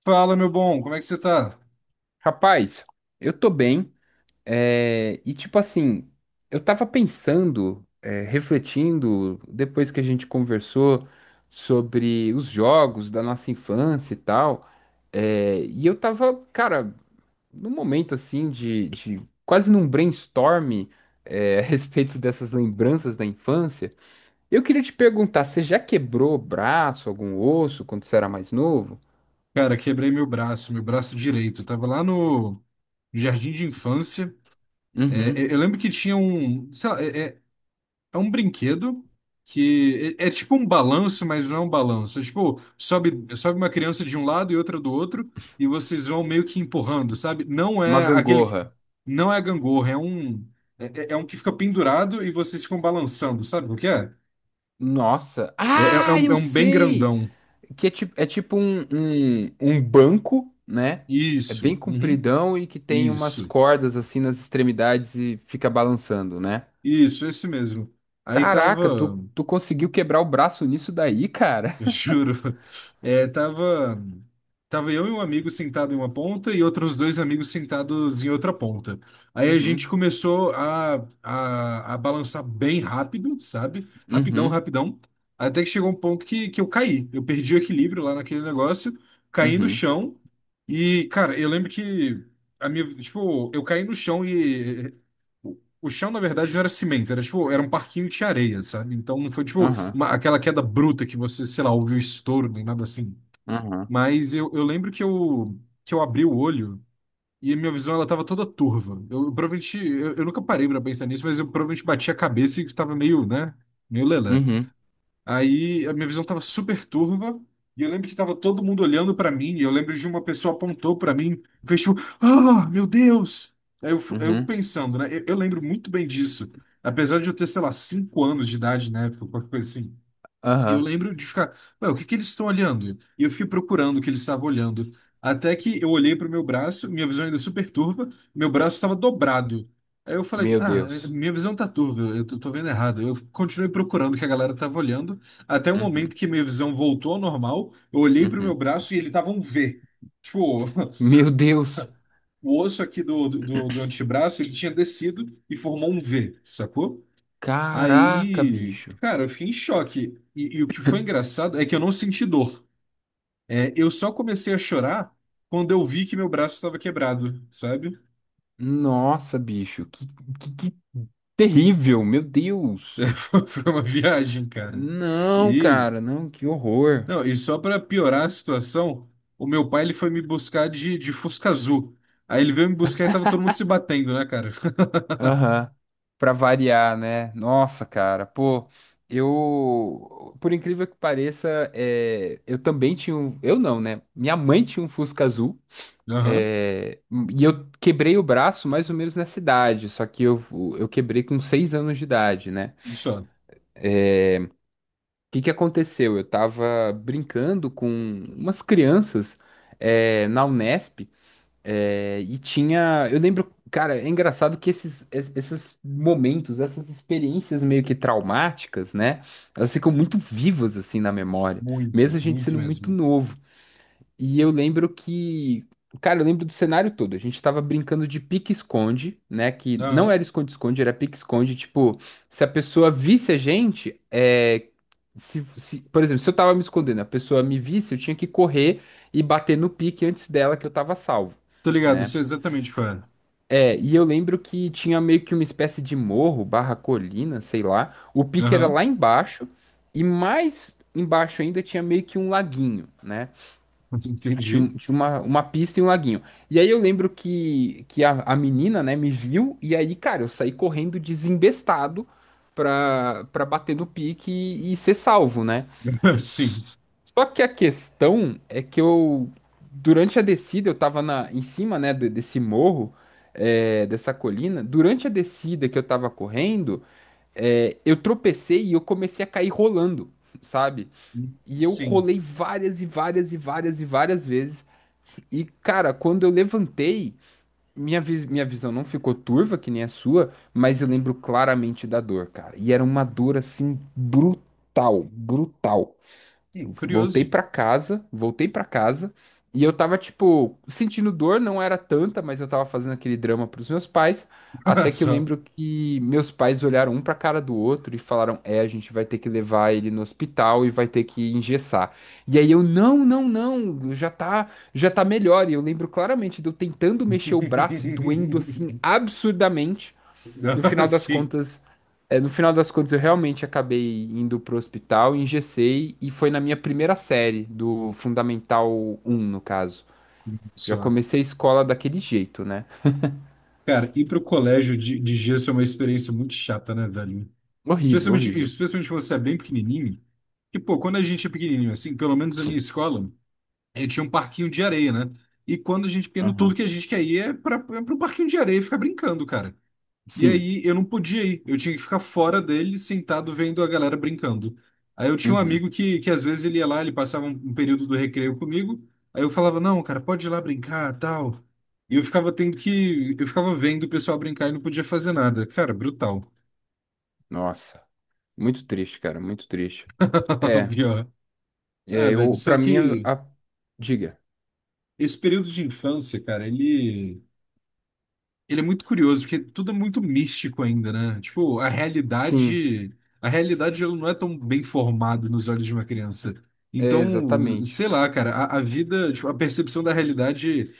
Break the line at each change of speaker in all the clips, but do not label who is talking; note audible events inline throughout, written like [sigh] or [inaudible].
Fala, meu bom, como é que você tá?
Rapaz, eu tô bem, e tipo assim, eu tava pensando, refletindo, depois que a gente conversou sobre os jogos da nossa infância e tal, e eu tava, cara, num momento assim de quase num brainstorm, [laughs] a respeito dessas lembranças da infância. Eu queria te perguntar, você já quebrou o braço, algum osso, quando você era mais novo?
Cara, quebrei meu braço direito. Eu tava lá no jardim de infância. É, eu
Uhum.
eu lembro que tinha um, sei lá, é um brinquedo que é tipo um balanço, mas não é um balanço. É tipo, sobe uma criança de um lado e outra do outro, e vocês vão meio que empurrando, sabe? Não
Uma
é aquele,
gangorra.
não é gangorra, é um que fica pendurado e vocês ficam balançando, sabe o que é?
Nossa. Ah,
É
eu
um bem
sei!
grandão.
Que é tipo um banco, né? É bem
Isso, uhum,
compridão e que tem umas
isso.
cordas assim nas extremidades e fica balançando, né?
Isso, esse mesmo. Aí
Caraca,
tava.
tu conseguiu quebrar o braço nisso daí, cara?
[laughs] Juro. Tava, tava eu e um amigo sentado em uma ponta e outros dois amigos sentados em outra ponta. Aí a gente
Uhum,
começou a balançar bem rápido, sabe? Rapidão,
uhum,
rapidão. Até que chegou um ponto que eu caí. Eu perdi o equilíbrio lá naquele negócio, caí no
uhum,
chão. E, cara, eu lembro que a minha, tipo, eu caí no chão e o chão, na verdade, não era cimento, era tipo, era um parquinho de areia, sabe? Então não foi tipo
aham,
aquela queda bruta que você, sei lá, ouviu estouro, nem nada assim.
aham,
Eu lembro que eu abri o olho e a minha visão ela tava toda turva. Eu provavelmente, eu nunca parei pra pensar nisso, mas eu provavelmente bati a cabeça e tava meio, né, meio lelé.
uhum,
Aí a minha visão tava super turva e eu lembro que tava todo mundo olhando pra mim e eu lembro de uma pessoa apontou pra mim, fez tipo, ah, meu Deus! Eu
uhum,
pensando, né, eu lembro muito bem disso. Apesar de eu ter, sei lá, cinco anos de idade na época, qualquer coisa assim eu
aham.
lembro de ficar, ué, o que que eles estão olhando? E eu fiquei procurando o que eles estavam olhando. Até que eu olhei para o meu braço, minha visão ainda é super turva, meu braço estava dobrado. Aí eu falei,
Meu
ah,
Deus.
minha visão tá turva, tô vendo errado. Eu continuei procurando o que a galera tava olhando, até o momento
Uhum,
que minha visão voltou ao normal, eu olhei para o meu
uhum.
braço e ele tava um V. Tipo, [laughs]
Meu Deus!
o osso aqui do do antebraço, ele tinha descido e formou um V, sacou?
Caraca,
Aí,
bicho.
cara, eu fiquei em choque. E o que foi engraçado é que eu não senti dor. É, eu só comecei a chorar quando eu vi que meu braço estava quebrado, sabe? [laughs]
Nossa, bicho, que terrível, meu
É,
Deus.
Foi foi uma viagem, cara.
Não,
E,
cara, não, que horror.
não, e só para piorar a situação, o meu pai ele foi me buscar de Fusca Azul. Aí ele veio me buscar e tava todo mundo se batendo, né, cara? [laughs]
Aham. Pra variar, né? Nossa, cara, pô, eu, por incrível que pareça, eu também tinha um, eu não, né? Minha mãe tinha um Fusca azul,
Aham,
é, e eu quebrei o braço mais ou menos nessa idade, só que eu quebrei com 6 anos de idade, né?
só.
Que aconteceu? Eu tava brincando com umas crianças na Unesp e tinha. Eu lembro, cara, é engraçado que esses momentos, essas experiências meio que traumáticas, né? Elas ficam muito vivas assim na memória,
Muito,
mesmo a gente
muito
sendo muito
mesmo.
novo. E eu lembro que, cara, eu lembro do cenário todo. A gente tava brincando de pique-esconde, né? Que não
Aham.
era esconde-esconde, era pique-esconde. Tipo, se a pessoa visse a gente, é. Por exemplo, se eu tava me escondendo, a pessoa me visse, eu tinha que correr e bater no pique antes dela que eu tava salvo,
Tô ligado,
né?
sei exatamente qual é.
E eu lembro que tinha meio que uma espécie de morro, barra colina, sei lá. O pique era
Aham,
lá embaixo, e mais embaixo ainda tinha meio que um laguinho, né?
[laughs]
Tinha, um-
entendi.
tinha uma, uma pista e um laguinho. E aí eu lembro que a menina, né, me viu, e aí, cara, eu saí correndo desembestado pra bater no pique e ser salvo, né?
[laughs] Sim.
S- Só que a questão é que eu, durante a descida, eu tava em cima, né, desse morro, dessa colina. Durante a descida que eu tava correndo, eu tropecei e eu comecei a cair rolando, sabe? E eu
Sim.
rolei várias e várias e várias e várias vezes. E, cara, quando eu levantei, minha visão não ficou turva, que nem a sua, mas eu lembro claramente da dor, cara. E era uma dor assim brutal, brutal.
Curioso.
Voltei pra casa e eu tava tipo sentindo dor, não era tanta, mas eu tava fazendo aquele drama pros meus pais,
[laughs]
até que eu
Só.
lembro que meus pais olharam um pra cara do outro e falaram: "É, a gente vai ter que levar ele no hospital e vai ter que engessar". E aí eu: "Não, não, não, já tá melhor". E eu lembro claramente de eu tentando mexer o braço e doendo assim
[laughs]
absurdamente no final das
Sim,
contas, no final das contas eu realmente acabei indo pro hospital, engessei e foi na minha primeira série do Fundamental um no caso. Já
só.
comecei a escola daquele jeito, né?
Cara, ir pro colégio de gesso é uma experiência muito chata, né, velho?
Horrível,
Especialmente,
horrível.
especialmente quando você é bem pequenininho. Que, pô, quando a gente é pequenininho, assim, pelo menos na minha escola, eh, tinha um parquinho de areia, né? E quando a gente é pequeno, tudo
Aham.
que a gente quer ir é é pro parquinho de areia e ficar brincando, cara. E
Sim.
aí eu não podia ir, eu tinha que ficar fora dele, sentado vendo a galera brincando. Aí eu tinha um
Uhum.
amigo que às vezes ele ia lá, ele passava um período do recreio comigo, aí eu falava, não, cara, pode ir lá brincar, tal. E eu ficava tendo que, eu ficava vendo o pessoal brincar e não podia fazer nada. Cara, brutal.
Nossa. Muito triste, cara. Muito triste.
[laughs]
É.
Pior. Ah,
É,
velho,
eu,
só
para mim.
que
Diga.
esse período de infância, cara, ele é muito curioso, porque tudo é muito místico ainda, né? Tipo,
Sim.
a realidade ela não é tão bem formada nos olhos de uma criança.
É,
Então,
exatamente.
sei lá, cara, a vida, tipo, a percepção da realidade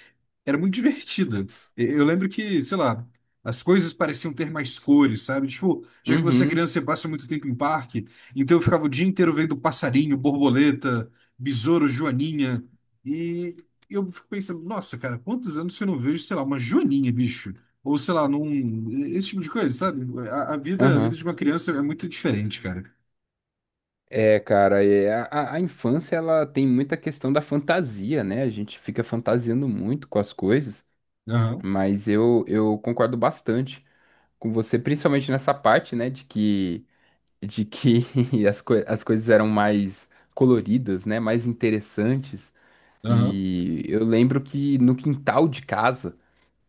era muito divertida. E- eu lembro que, sei lá, as coisas pareciam ter mais cores, sabe? Tipo, já que você é
Uhum.
criança, você passa muito tempo em parque, então eu ficava o dia inteiro vendo passarinho, borboleta, besouro, joaninha, e eu fico pensando, nossa, cara, quantos anos que eu não vejo, sei lá, uma joaninha, bicho? Ou sei lá, num... esse tipo de coisa, sabe? A vida
Aham.
de uma criança é muito diferente, cara.
É, cara, a infância ela tem muita questão da fantasia, né? A gente fica fantasiando muito com as coisas,
Aham,
mas eu concordo bastante com você, principalmente nessa parte, né, de que [laughs] as coisas eram mais coloridas, né, mais interessantes.
aham,
E eu lembro que no quintal de casa,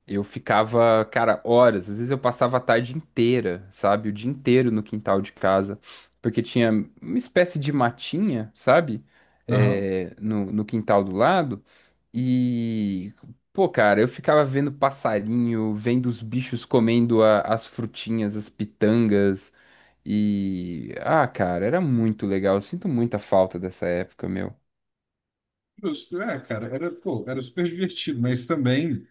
eu ficava, cara, horas. Às vezes eu passava a tarde inteira, sabe? O dia inteiro no quintal de casa. Porque tinha uma espécie de matinha, sabe?
aham.
No quintal do lado. E, pô, cara, eu ficava vendo passarinho, vendo os bichos comendo as frutinhas, as pitangas. E, ah, cara, era muito legal. Eu sinto muita falta dessa época, meu.
Justo. É, cara, era, pô, era super divertido, mas também,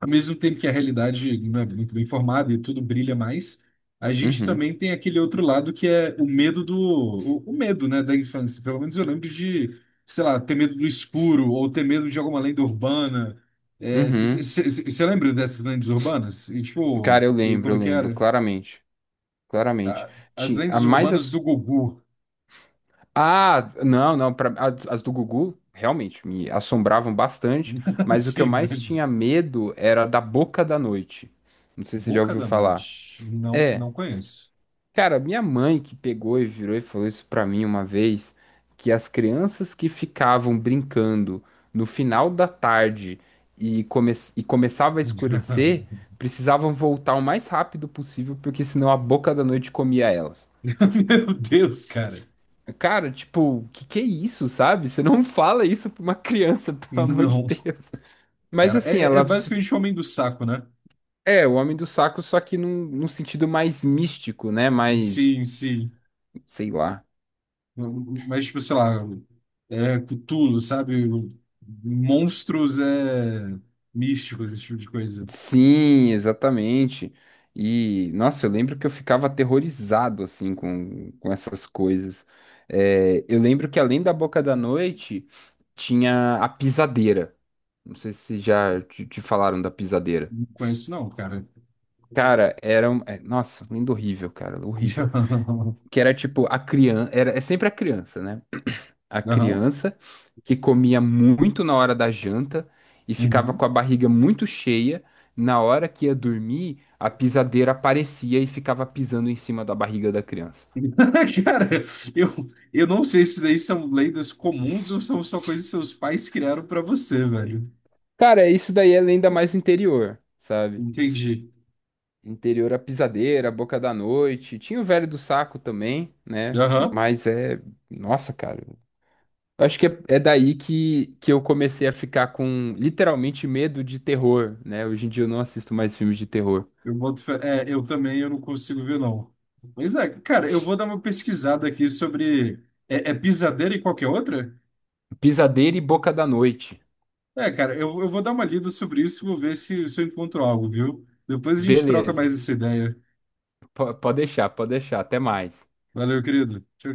ao mesmo tempo que a realidade não é muito bem formada e tudo brilha mais, a gente
Uhum,
também tem aquele outro lado que é o medo do, o medo, né, da infância. Pelo menos eu lembro de, sei lá, ter medo do escuro ou ter medo de alguma lenda urbana. É,
uhum.
você lembra dessas lendas urbanas? E, tipo,
Cara,
e como é
eu
que
lembro,
era?
claramente. Claramente.
Ah, as
Tinha A
lendas
mais
urbanas do Gugu.
Ah, não, não, as do Gugu realmente me assombravam bastante,
[laughs]
mas o que eu
Assim,
mais
velho.
tinha medo era da Boca da Noite. Não sei se você já
Boca
ouviu
da
falar.
Noite. Não,
É,
não conheço.
cara, minha mãe que pegou e virou e falou isso pra mim uma vez, que as crianças que ficavam brincando no final da tarde e começava a
[laughs]
escurecer, precisavam voltar o mais rápido possível, porque senão a Boca da Noite comia elas.
Meu Deus, cara.
Cara, tipo, que é isso, sabe? Você não [laughs] fala isso pra uma criança, [laughs] pelo amor de
Não.
Deus. Mas
Cara,
assim,
é, é é
ela se-
basicamente Homem do Saco, né?
é o Homem do Saco, só que num sentido mais místico, né? Mais,
Sim, sim.
sei lá.
Mas, tipo, sei lá, é Cthulhu, sabe? Monstros é, místicos, esse tipo de coisa.
Sim, exatamente. E, nossa, eu lembro que eu ficava aterrorizado, assim, com essas coisas. Eu lembro que além da Boca da Noite, tinha a Pisadeira. Não sei se já te falaram da Pisadeira.
Não conheço, não, cara.
Cara,
[laughs]
Nossa, lindo horrível, cara, horrível.
Não.
Que era tipo a criança. É sempre a criança, né? A
Não.
criança que comia muito na hora da janta e ficava com
Uhum.
a barriga muito cheia. Na hora que ia dormir, a pisadeira aparecia e ficava pisando em cima da barriga da criança.
[laughs] Cara, eu, eu não sei se daí são lendas comuns ou são só coisas que seus pais criaram pra você, velho.
Cara, isso daí é ainda mais interior, sabe?
Entendi.
Interior a pisadeira, a boca da noite. Tinha o velho do saco também, né? Mas é. Nossa, cara. Eu acho que é daí que eu comecei a ficar com literalmente medo de terror, né? Hoje em dia eu não assisto mais filmes de terror.
Eu boto fé. É, eu também eu não consigo ver, não. Mas é, cara, eu vou dar uma pesquisada aqui sobre. É, é pisadeira e qualquer outra?
Pisadeiro e Boca da Noite.
É, cara, eu vou dar uma lida sobre isso e vou ver se, se eu encontro algo, viu? Depois a gente troca
Beleza.
mais essa ideia.
Pode deixar, pode deixar. Até mais.
Valeu, querido. Tchau, tchau.